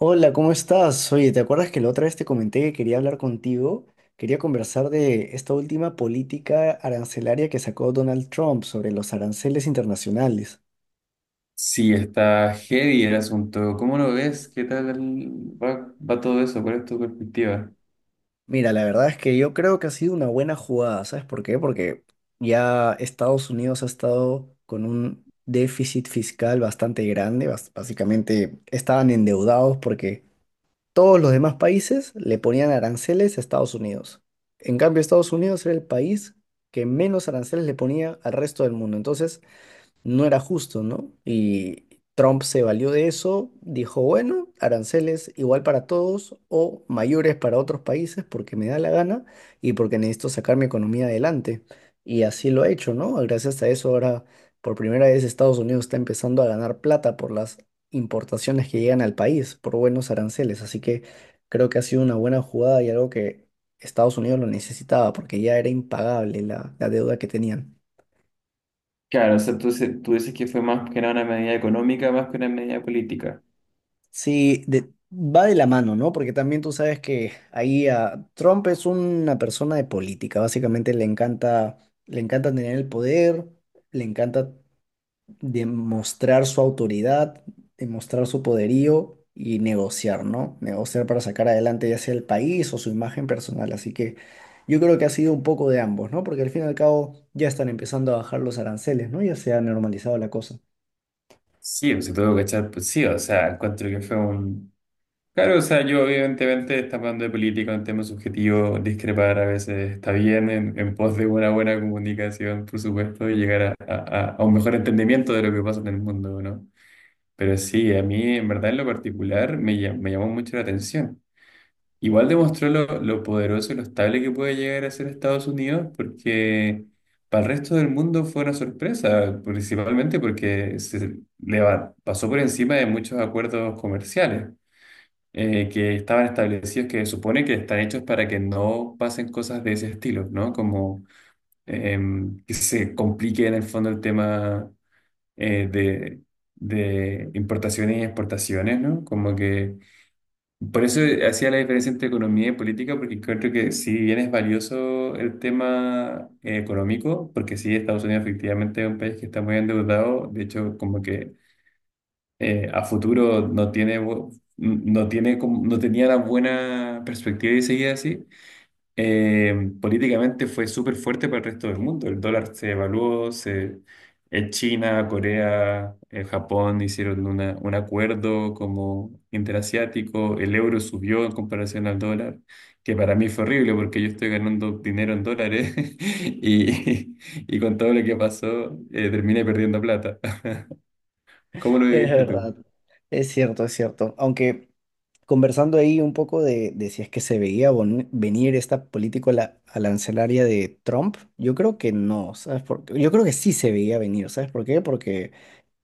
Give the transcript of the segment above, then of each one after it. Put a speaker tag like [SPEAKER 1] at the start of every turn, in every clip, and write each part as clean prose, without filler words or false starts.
[SPEAKER 1] Hola, ¿cómo estás? Oye, ¿te acuerdas que la otra vez te comenté que quería hablar contigo? Quería conversar de esta última política arancelaria que sacó Donald Trump sobre los aranceles internacionales.
[SPEAKER 2] Sí, está heavy el asunto. ¿Cómo lo ves? ¿Qué tal va todo eso? ¿Cuál es tu perspectiva?
[SPEAKER 1] Mira, la verdad es que yo creo que ha sido una buena jugada, ¿sabes por qué? Porque ya Estados Unidos ha estado con un déficit fiscal bastante grande, básicamente estaban endeudados porque todos los demás países le ponían aranceles a Estados Unidos. En cambio, Estados Unidos era el país que menos aranceles le ponía al resto del mundo. Entonces, no era justo, ¿no? Y Trump se valió de eso, dijo, bueno, aranceles igual para todos o mayores para otros países porque me da la gana y porque necesito sacar mi economía adelante. Y así lo ha hecho, ¿no? Gracias a eso ahora, por primera vez, Estados Unidos está empezando a ganar plata por las importaciones que llegan al país, por buenos aranceles. Así que creo que ha sido una buena jugada y algo que Estados Unidos lo necesitaba porque ya era impagable la deuda que tenían.
[SPEAKER 2] Claro, o sea, tú dices que fue más que nada una medida económica, más que una medida política.
[SPEAKER 1] Sí, va de la mano, ¿no? Porque también tú sabes que ahí a Trump es una persona de política, básicamente le encanta tener el poder, le encanta demostrar su autoridad, demostrar su poderío y negociar, ¿no? Negociar para sacar adelante ya sea el país o su imagen personal. Así que yo creo que ha sido un poco de ambos, ¿no? Porque al fin y al cabo ya están empezando a bajar los aranceles, ¿no? Ya se ha normalizado la cosa.
[SPEAKER 2] Sí, pues se tuvo que echar, pues sí, o sea, encuentro que fue un. Claro, o sea, yo evidentemente está hablando de política, un tema subjetivo, discrepar a veces está bien en pos de una buena comunicación, por supuesto, y llegar a un mejor entendimiento de lo que pasa en el mundo, ¿no? Pero sí, a mí en verdad en lo particular me llamó mucho la atención. Igual demostró lo poderoso y lo estable que puede llegar a ser Estados Unidos, porque para el resto del mundo fue una sorpresa, principalmente porque pasó por encima de muchos acuerdos comerciales que estaban establecidos, que supone que están hechos para que no pasen cosas de ese estilo, ¿no? Como que se complique en el fondo el tema eh, de, de importaciones y exportaciones, ¿no? Como que por eso hacía la diferencia entre economía y política, porque creo que si bien es valioso el tema económico, porque sí, Estados Unidos efectivamente es un país que está muy endeudado, de hecho, como que a futuro no tiene, no tiene, no tenía la buena perspectiva de seguir así, políticamente fue súper fuerte para el resto del mundo. El dólar se evaluó, se, en China, Corea, Japón hicieron un acuerdo como interasiático, el euro subió en comparación al dólar, que para mí fue horrible porque yo estoy ganando dinero en dólares y, y con todo lo que pasó terminé perdiendo plata. ¿Cómo lo
[SPEAKER 1] Es
[SPEAKER 2] viviste tú?
[SPEAKER 1] verdad, es cierto, es cierto. Aunque conversando ahí un poco de si es que se veía venir esta política arancelaria de Trump, yo creo que no, ¿sabes por qué? Yo creo que sí se veía venir, ¿sabes por qué? Porque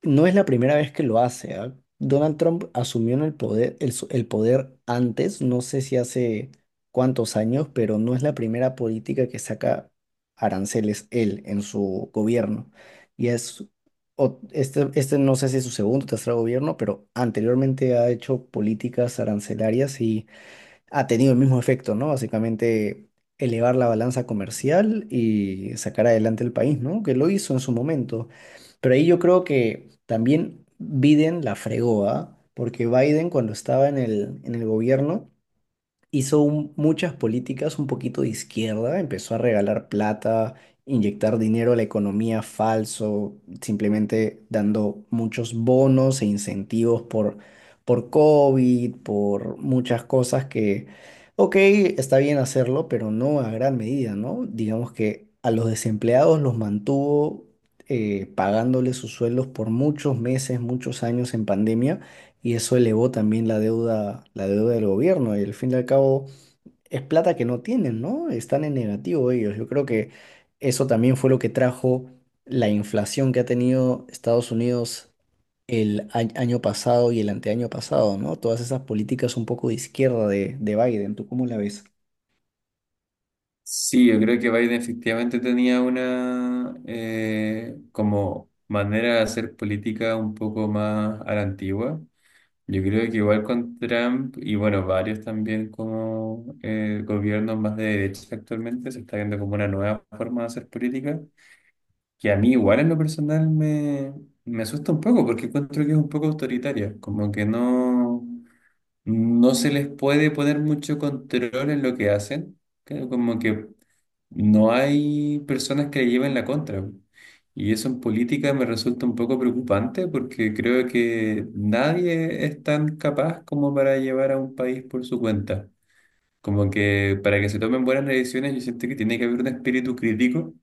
[SPEAKER 1] no es la primera vez que lo hace, ¿ah? Donald Trump asumió en el poder, el poder antes, no sé si hace cuántos años, pero no es la primera política que saca aranceles él en su gobierno. Y es, este no sé si es su segundo o tercer gobierno, pero anteriormente ha hecho políticas arancelarias, ha tenido el mismo efecto, ¿no? Básicamente elevar la balanza comercial y sacar adelante el país, ¿no? Que lo hizo en su momento. Pero ahí yo creo que también Biden la fregó, ¿ah? Porque Biden cuando estaba en el gobierno muchas políticas un poquito de izquierda, empezó a regalar plata, inyectar dinero a la economía falso, simplemente dando muchos bonos e incentivos por COVID, por muchas cosas que, ok, está bien hacerlo, pero no a gran medida, ¿no? Digamos que a los desempleados los mantuvo, pagándoles sus sueldos por muchos meses, muchos años en pandemia, y eso elevó también la deuda del gobierno. Y al fin y al cabo es plata que no tienen, ¿no? Están en negativo ellos. Yo creo que eso también fue lo que trajo la inflación que ha tenido Estados Unidos el año pasado y el anteaño pasado, ¿no? Todas esas políticas un poco de izquierda de Biden. ¿Tú cómo la ves?
[SPEAKER 2] Sí, yo creo que Biden efectivamente tenía una como manera de hacer política un poco más a la antigua. Yo creo que igual con Trump y bueno, varios también como gobiernos más de derecha actualmente, se está viendo como una nueva forma de hacer política, que a mí igual en lo personal me asusta un poco porque encuentro que es un poco autoritaria, como que no. No se les puede poner mucho control en lo que hacen, como que no hay personas que le lleven la contra. Y eso en política me resulta un poco preocupante porque creo que nadie es tan capaz como para llevar a un país por su cuenta. Como que para que se tomen buenas decisiones, yo siento que tiene que haber un espíritu crítico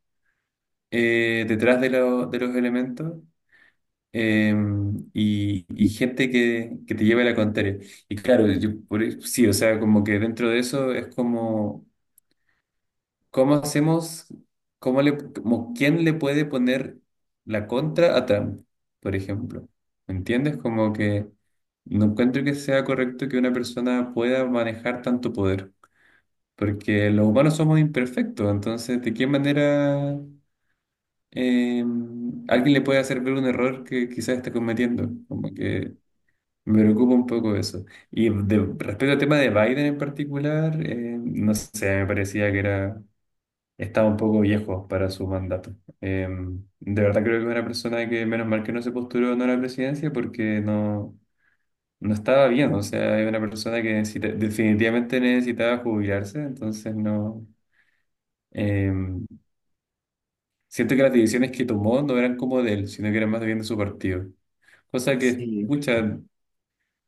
[SPEAKER 2] detrás de, de los elementos eh, y, gente que te lleve la contraria. Y claro, yo, sí, o sea, como que dentro de eso es como, ¿cómo hacemos, cómo le, como quién le puede poner la contra a Trump, por ejemplo? ¿Me entiendes? Como que no encuentro que sea correcto que una persona pueda manejar tanto poder, porque los humanos somos imperfectos, entonces, ¿de qué manera... eh, alguien le puede hacer ver un error que quizás está cometiendo, como que me preocupa un poco eso. Y respecto al tema de Biden en particular, no sé, me parecía que era, estaba un poco viejo para su mandato. Eh, de verdad creo que es una persona que menos mal que no se postuló no a la presidencia porque no, no estaba bien. O sea, es una persona que definitivamente necesitaba jubilarse, entonces no. eh, Siento que las decisiones que tomó no eran como de él, sino que eran más bien de su partido. Cosa que,
[SPEAKER 1] Sí.
[SPEAKER 2] pucha,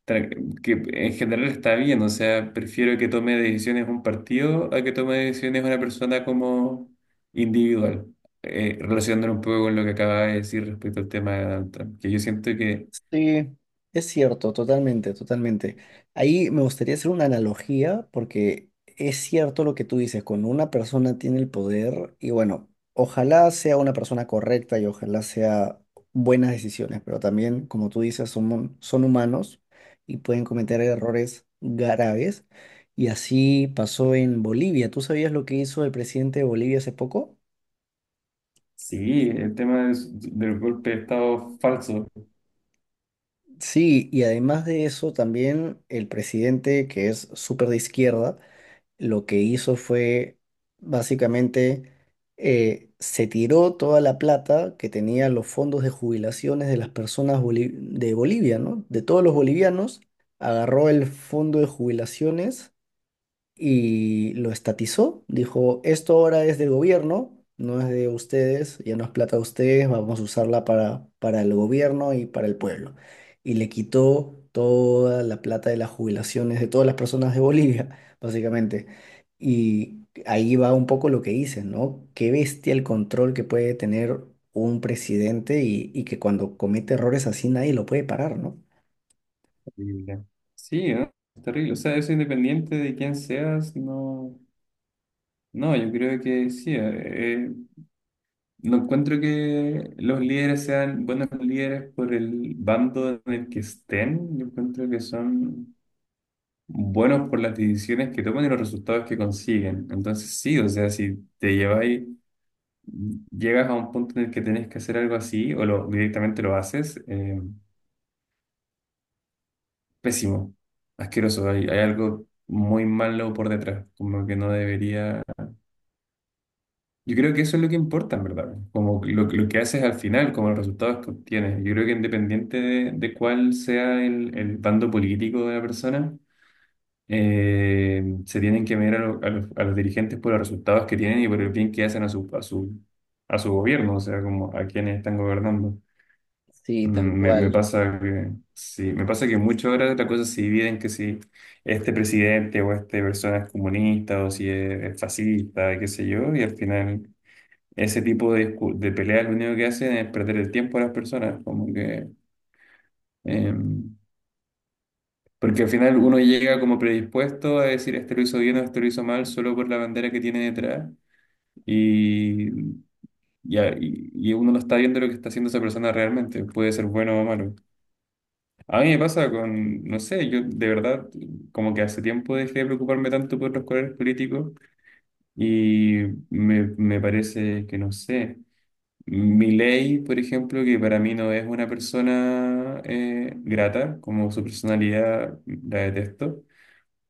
[SPEAKER 2] tra- que en general está bien, o sea, prefiero que tome decisiones un partido a que tome decisiones una persona como individual, relacionándolo un poco con lo que acaba de decir respecto al tema de Donald Trump, que yo siento que
[SPEAKER 1] Sí, es cierto, totalmente, totalmente. Ahí me gustaría hacer una analogía porque es cierto lo que tú dices, cuando una persona tiene el poder y bueno, ojalá sea una persona correcta y ojalá sea buenas decisiones, pero también, como tú dices, son humanos y pueden cometer errores graves. Y así pasó en Bolivia. ¿Tú sabías lo que hizo el presidente de Bolivia hace poco?
[SPEAKER 2] sí, el tema del golpe de Estado falso,
[SPEAKER 1] Sí, y además de eso, también el presidente, que es súper de izquierda, lo que hizo fue básicamente, se tiró toda la plata que tenía los fondos de jubilaciones de las personas de Bolivia, ¿no? De todos los bolivianos, agarró el fondo de jubilaciones y lo estatizó. Dijo, esto ahora es del gobierno, no es de ustedes, ya no es plata de ustedes, vamos a usarla para el gobierno y para el pueblo. Y le quitó toda la plata de las jubilaciones de todas las personas de Bolivia, básicamente. Y ahí va un poco lo que dices, ¿no? Qué bestia el control que puede tener un presidente y que cuando comete errores así nadie lo puede parar, ¿no?
[SPEAKER 2] terrible. Sí, ¿no? Es terrible, o sea, eso independiente de quién seas, no, no, yo creo que sí, no encuentro que los líderes sean buenos líderes por el bando en el que estén. Yo encuentro que son buenos por las decisiones que toman y los resultados que consiguen. Entonces, sí, o sea, si te lleváis, llegas a un punto en el que tenés que hacer algo así o lo, directamente lo haces, pésimo, asqueroso. Hay algo muy malo por detrás, como que no debería. Yo creo que eso es lo que importa, en verdad. Como lo que haces al final, como los resultados que obtienes. Yo creo que independiente de cuál sea el bando político de la persona, se tienen que mirar a, a los dirigentes por los resultados que tienen y por el bien que hacen a su, a su, a su gobierno, o sea, como a quienes están gobernando.
[SPEAKER 1] Sí, tal
[SPEAKER 2] Mm, me
[SPEAKER 1] cual.
[SPEAKER 2] pasa que, sí, me pasa que mucho ahora la cosa se divide en que si este presidente o esta persona es comunista o si es, es fascista, qué sé yo, y al final ese tipo de, de peleas lo único que hacen es perder el tiempo a las personas, como que, eh, porque al final uno llega como predispuesto a decir, este lo hizo bien o este lo hizo mal, solo por la bandera que tiene detrás, y, y, y uno no está viendo lo que está haciendo esa persona realmente, puede ser bueno o malo. A mí me pasa con, no sé, yo de verdad como que hace tiempo dejé de preocuparme tanto por los colores políticos y me parece que no sé. Milei, por ejemplo, que para mí no es una persona grata, como su personalidad la detesto,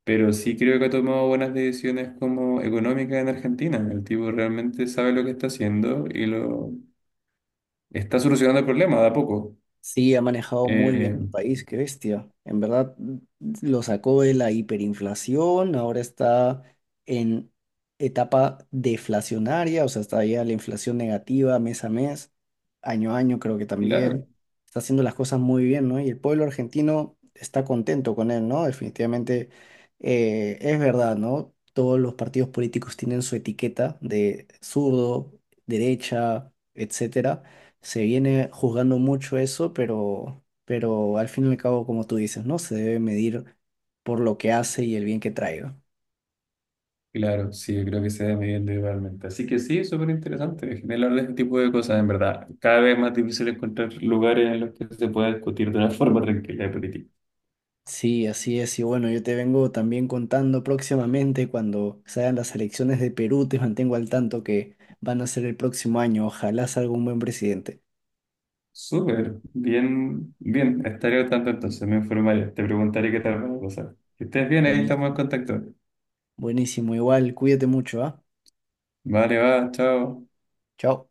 [SPEAKER 2] pero sí creo que ha tomado buenas decisiones como económicas en Argentina. El tipo realmente sabe lo que está haciendo y lo está solucionando el problema de a poco.
[SPEAKER 1] Sí, ha manejado muy bien
[SPEAKER 2] Eh,
[SPEAKER 1] el país, qué bestia. En verdad, lo sacó de la hiperinflación, ahora está en etapa deflacionaria, o sea, está ya la inflación negativa mes a mes, año a año creo que
[SPEAKER 2] claro,
[SPEAKER 1] también. Está haciendo las cosas muy bien, ¿no? Y el pueblo argentino está contento con él, ¿no? Definitivamente, es verdad, ¿no? Todos los partidos políticos tienen su etiqueta de zurdo, derecha, etcétera, se viene juzgando mucho eso, pero al fin y al cabo, como tú dices, ¿no? Se debe medir por lo que hace y el bien que traiga.
[SPEAKER 2] claro, sí, yo creo que se da midiendo igualmente. Así que sí, es súper interesante generar ese tipo de cosas, en verdad. Cada vez más difícil encontrar lugares en los que se pueda discutir de una forma tranquila de política.
[SPEAKER 1] Sí, así es. Y bueno, yo te vengo también contando próximamente cuando salgan las elecciones de Perú, te mantengo al tanto que van a ser el próximo año. Ojalá salga un buen presidente.
[SPEAKER 2] Súper, bien, bien, estaré al tanto entonces, me informaré, te preguntaré qué tal va la cosa. Que estés bien, ahí estamos en
[SPEAKER 1] Buenísimo.
[SPEAKER 2] contacto.
[SPEAKER 1] Buenísimo. Igual, cuídate mucho, ¿ah?
[SPEAKER 2] Vale, va, chao.
[SPEAKER 1] Chao.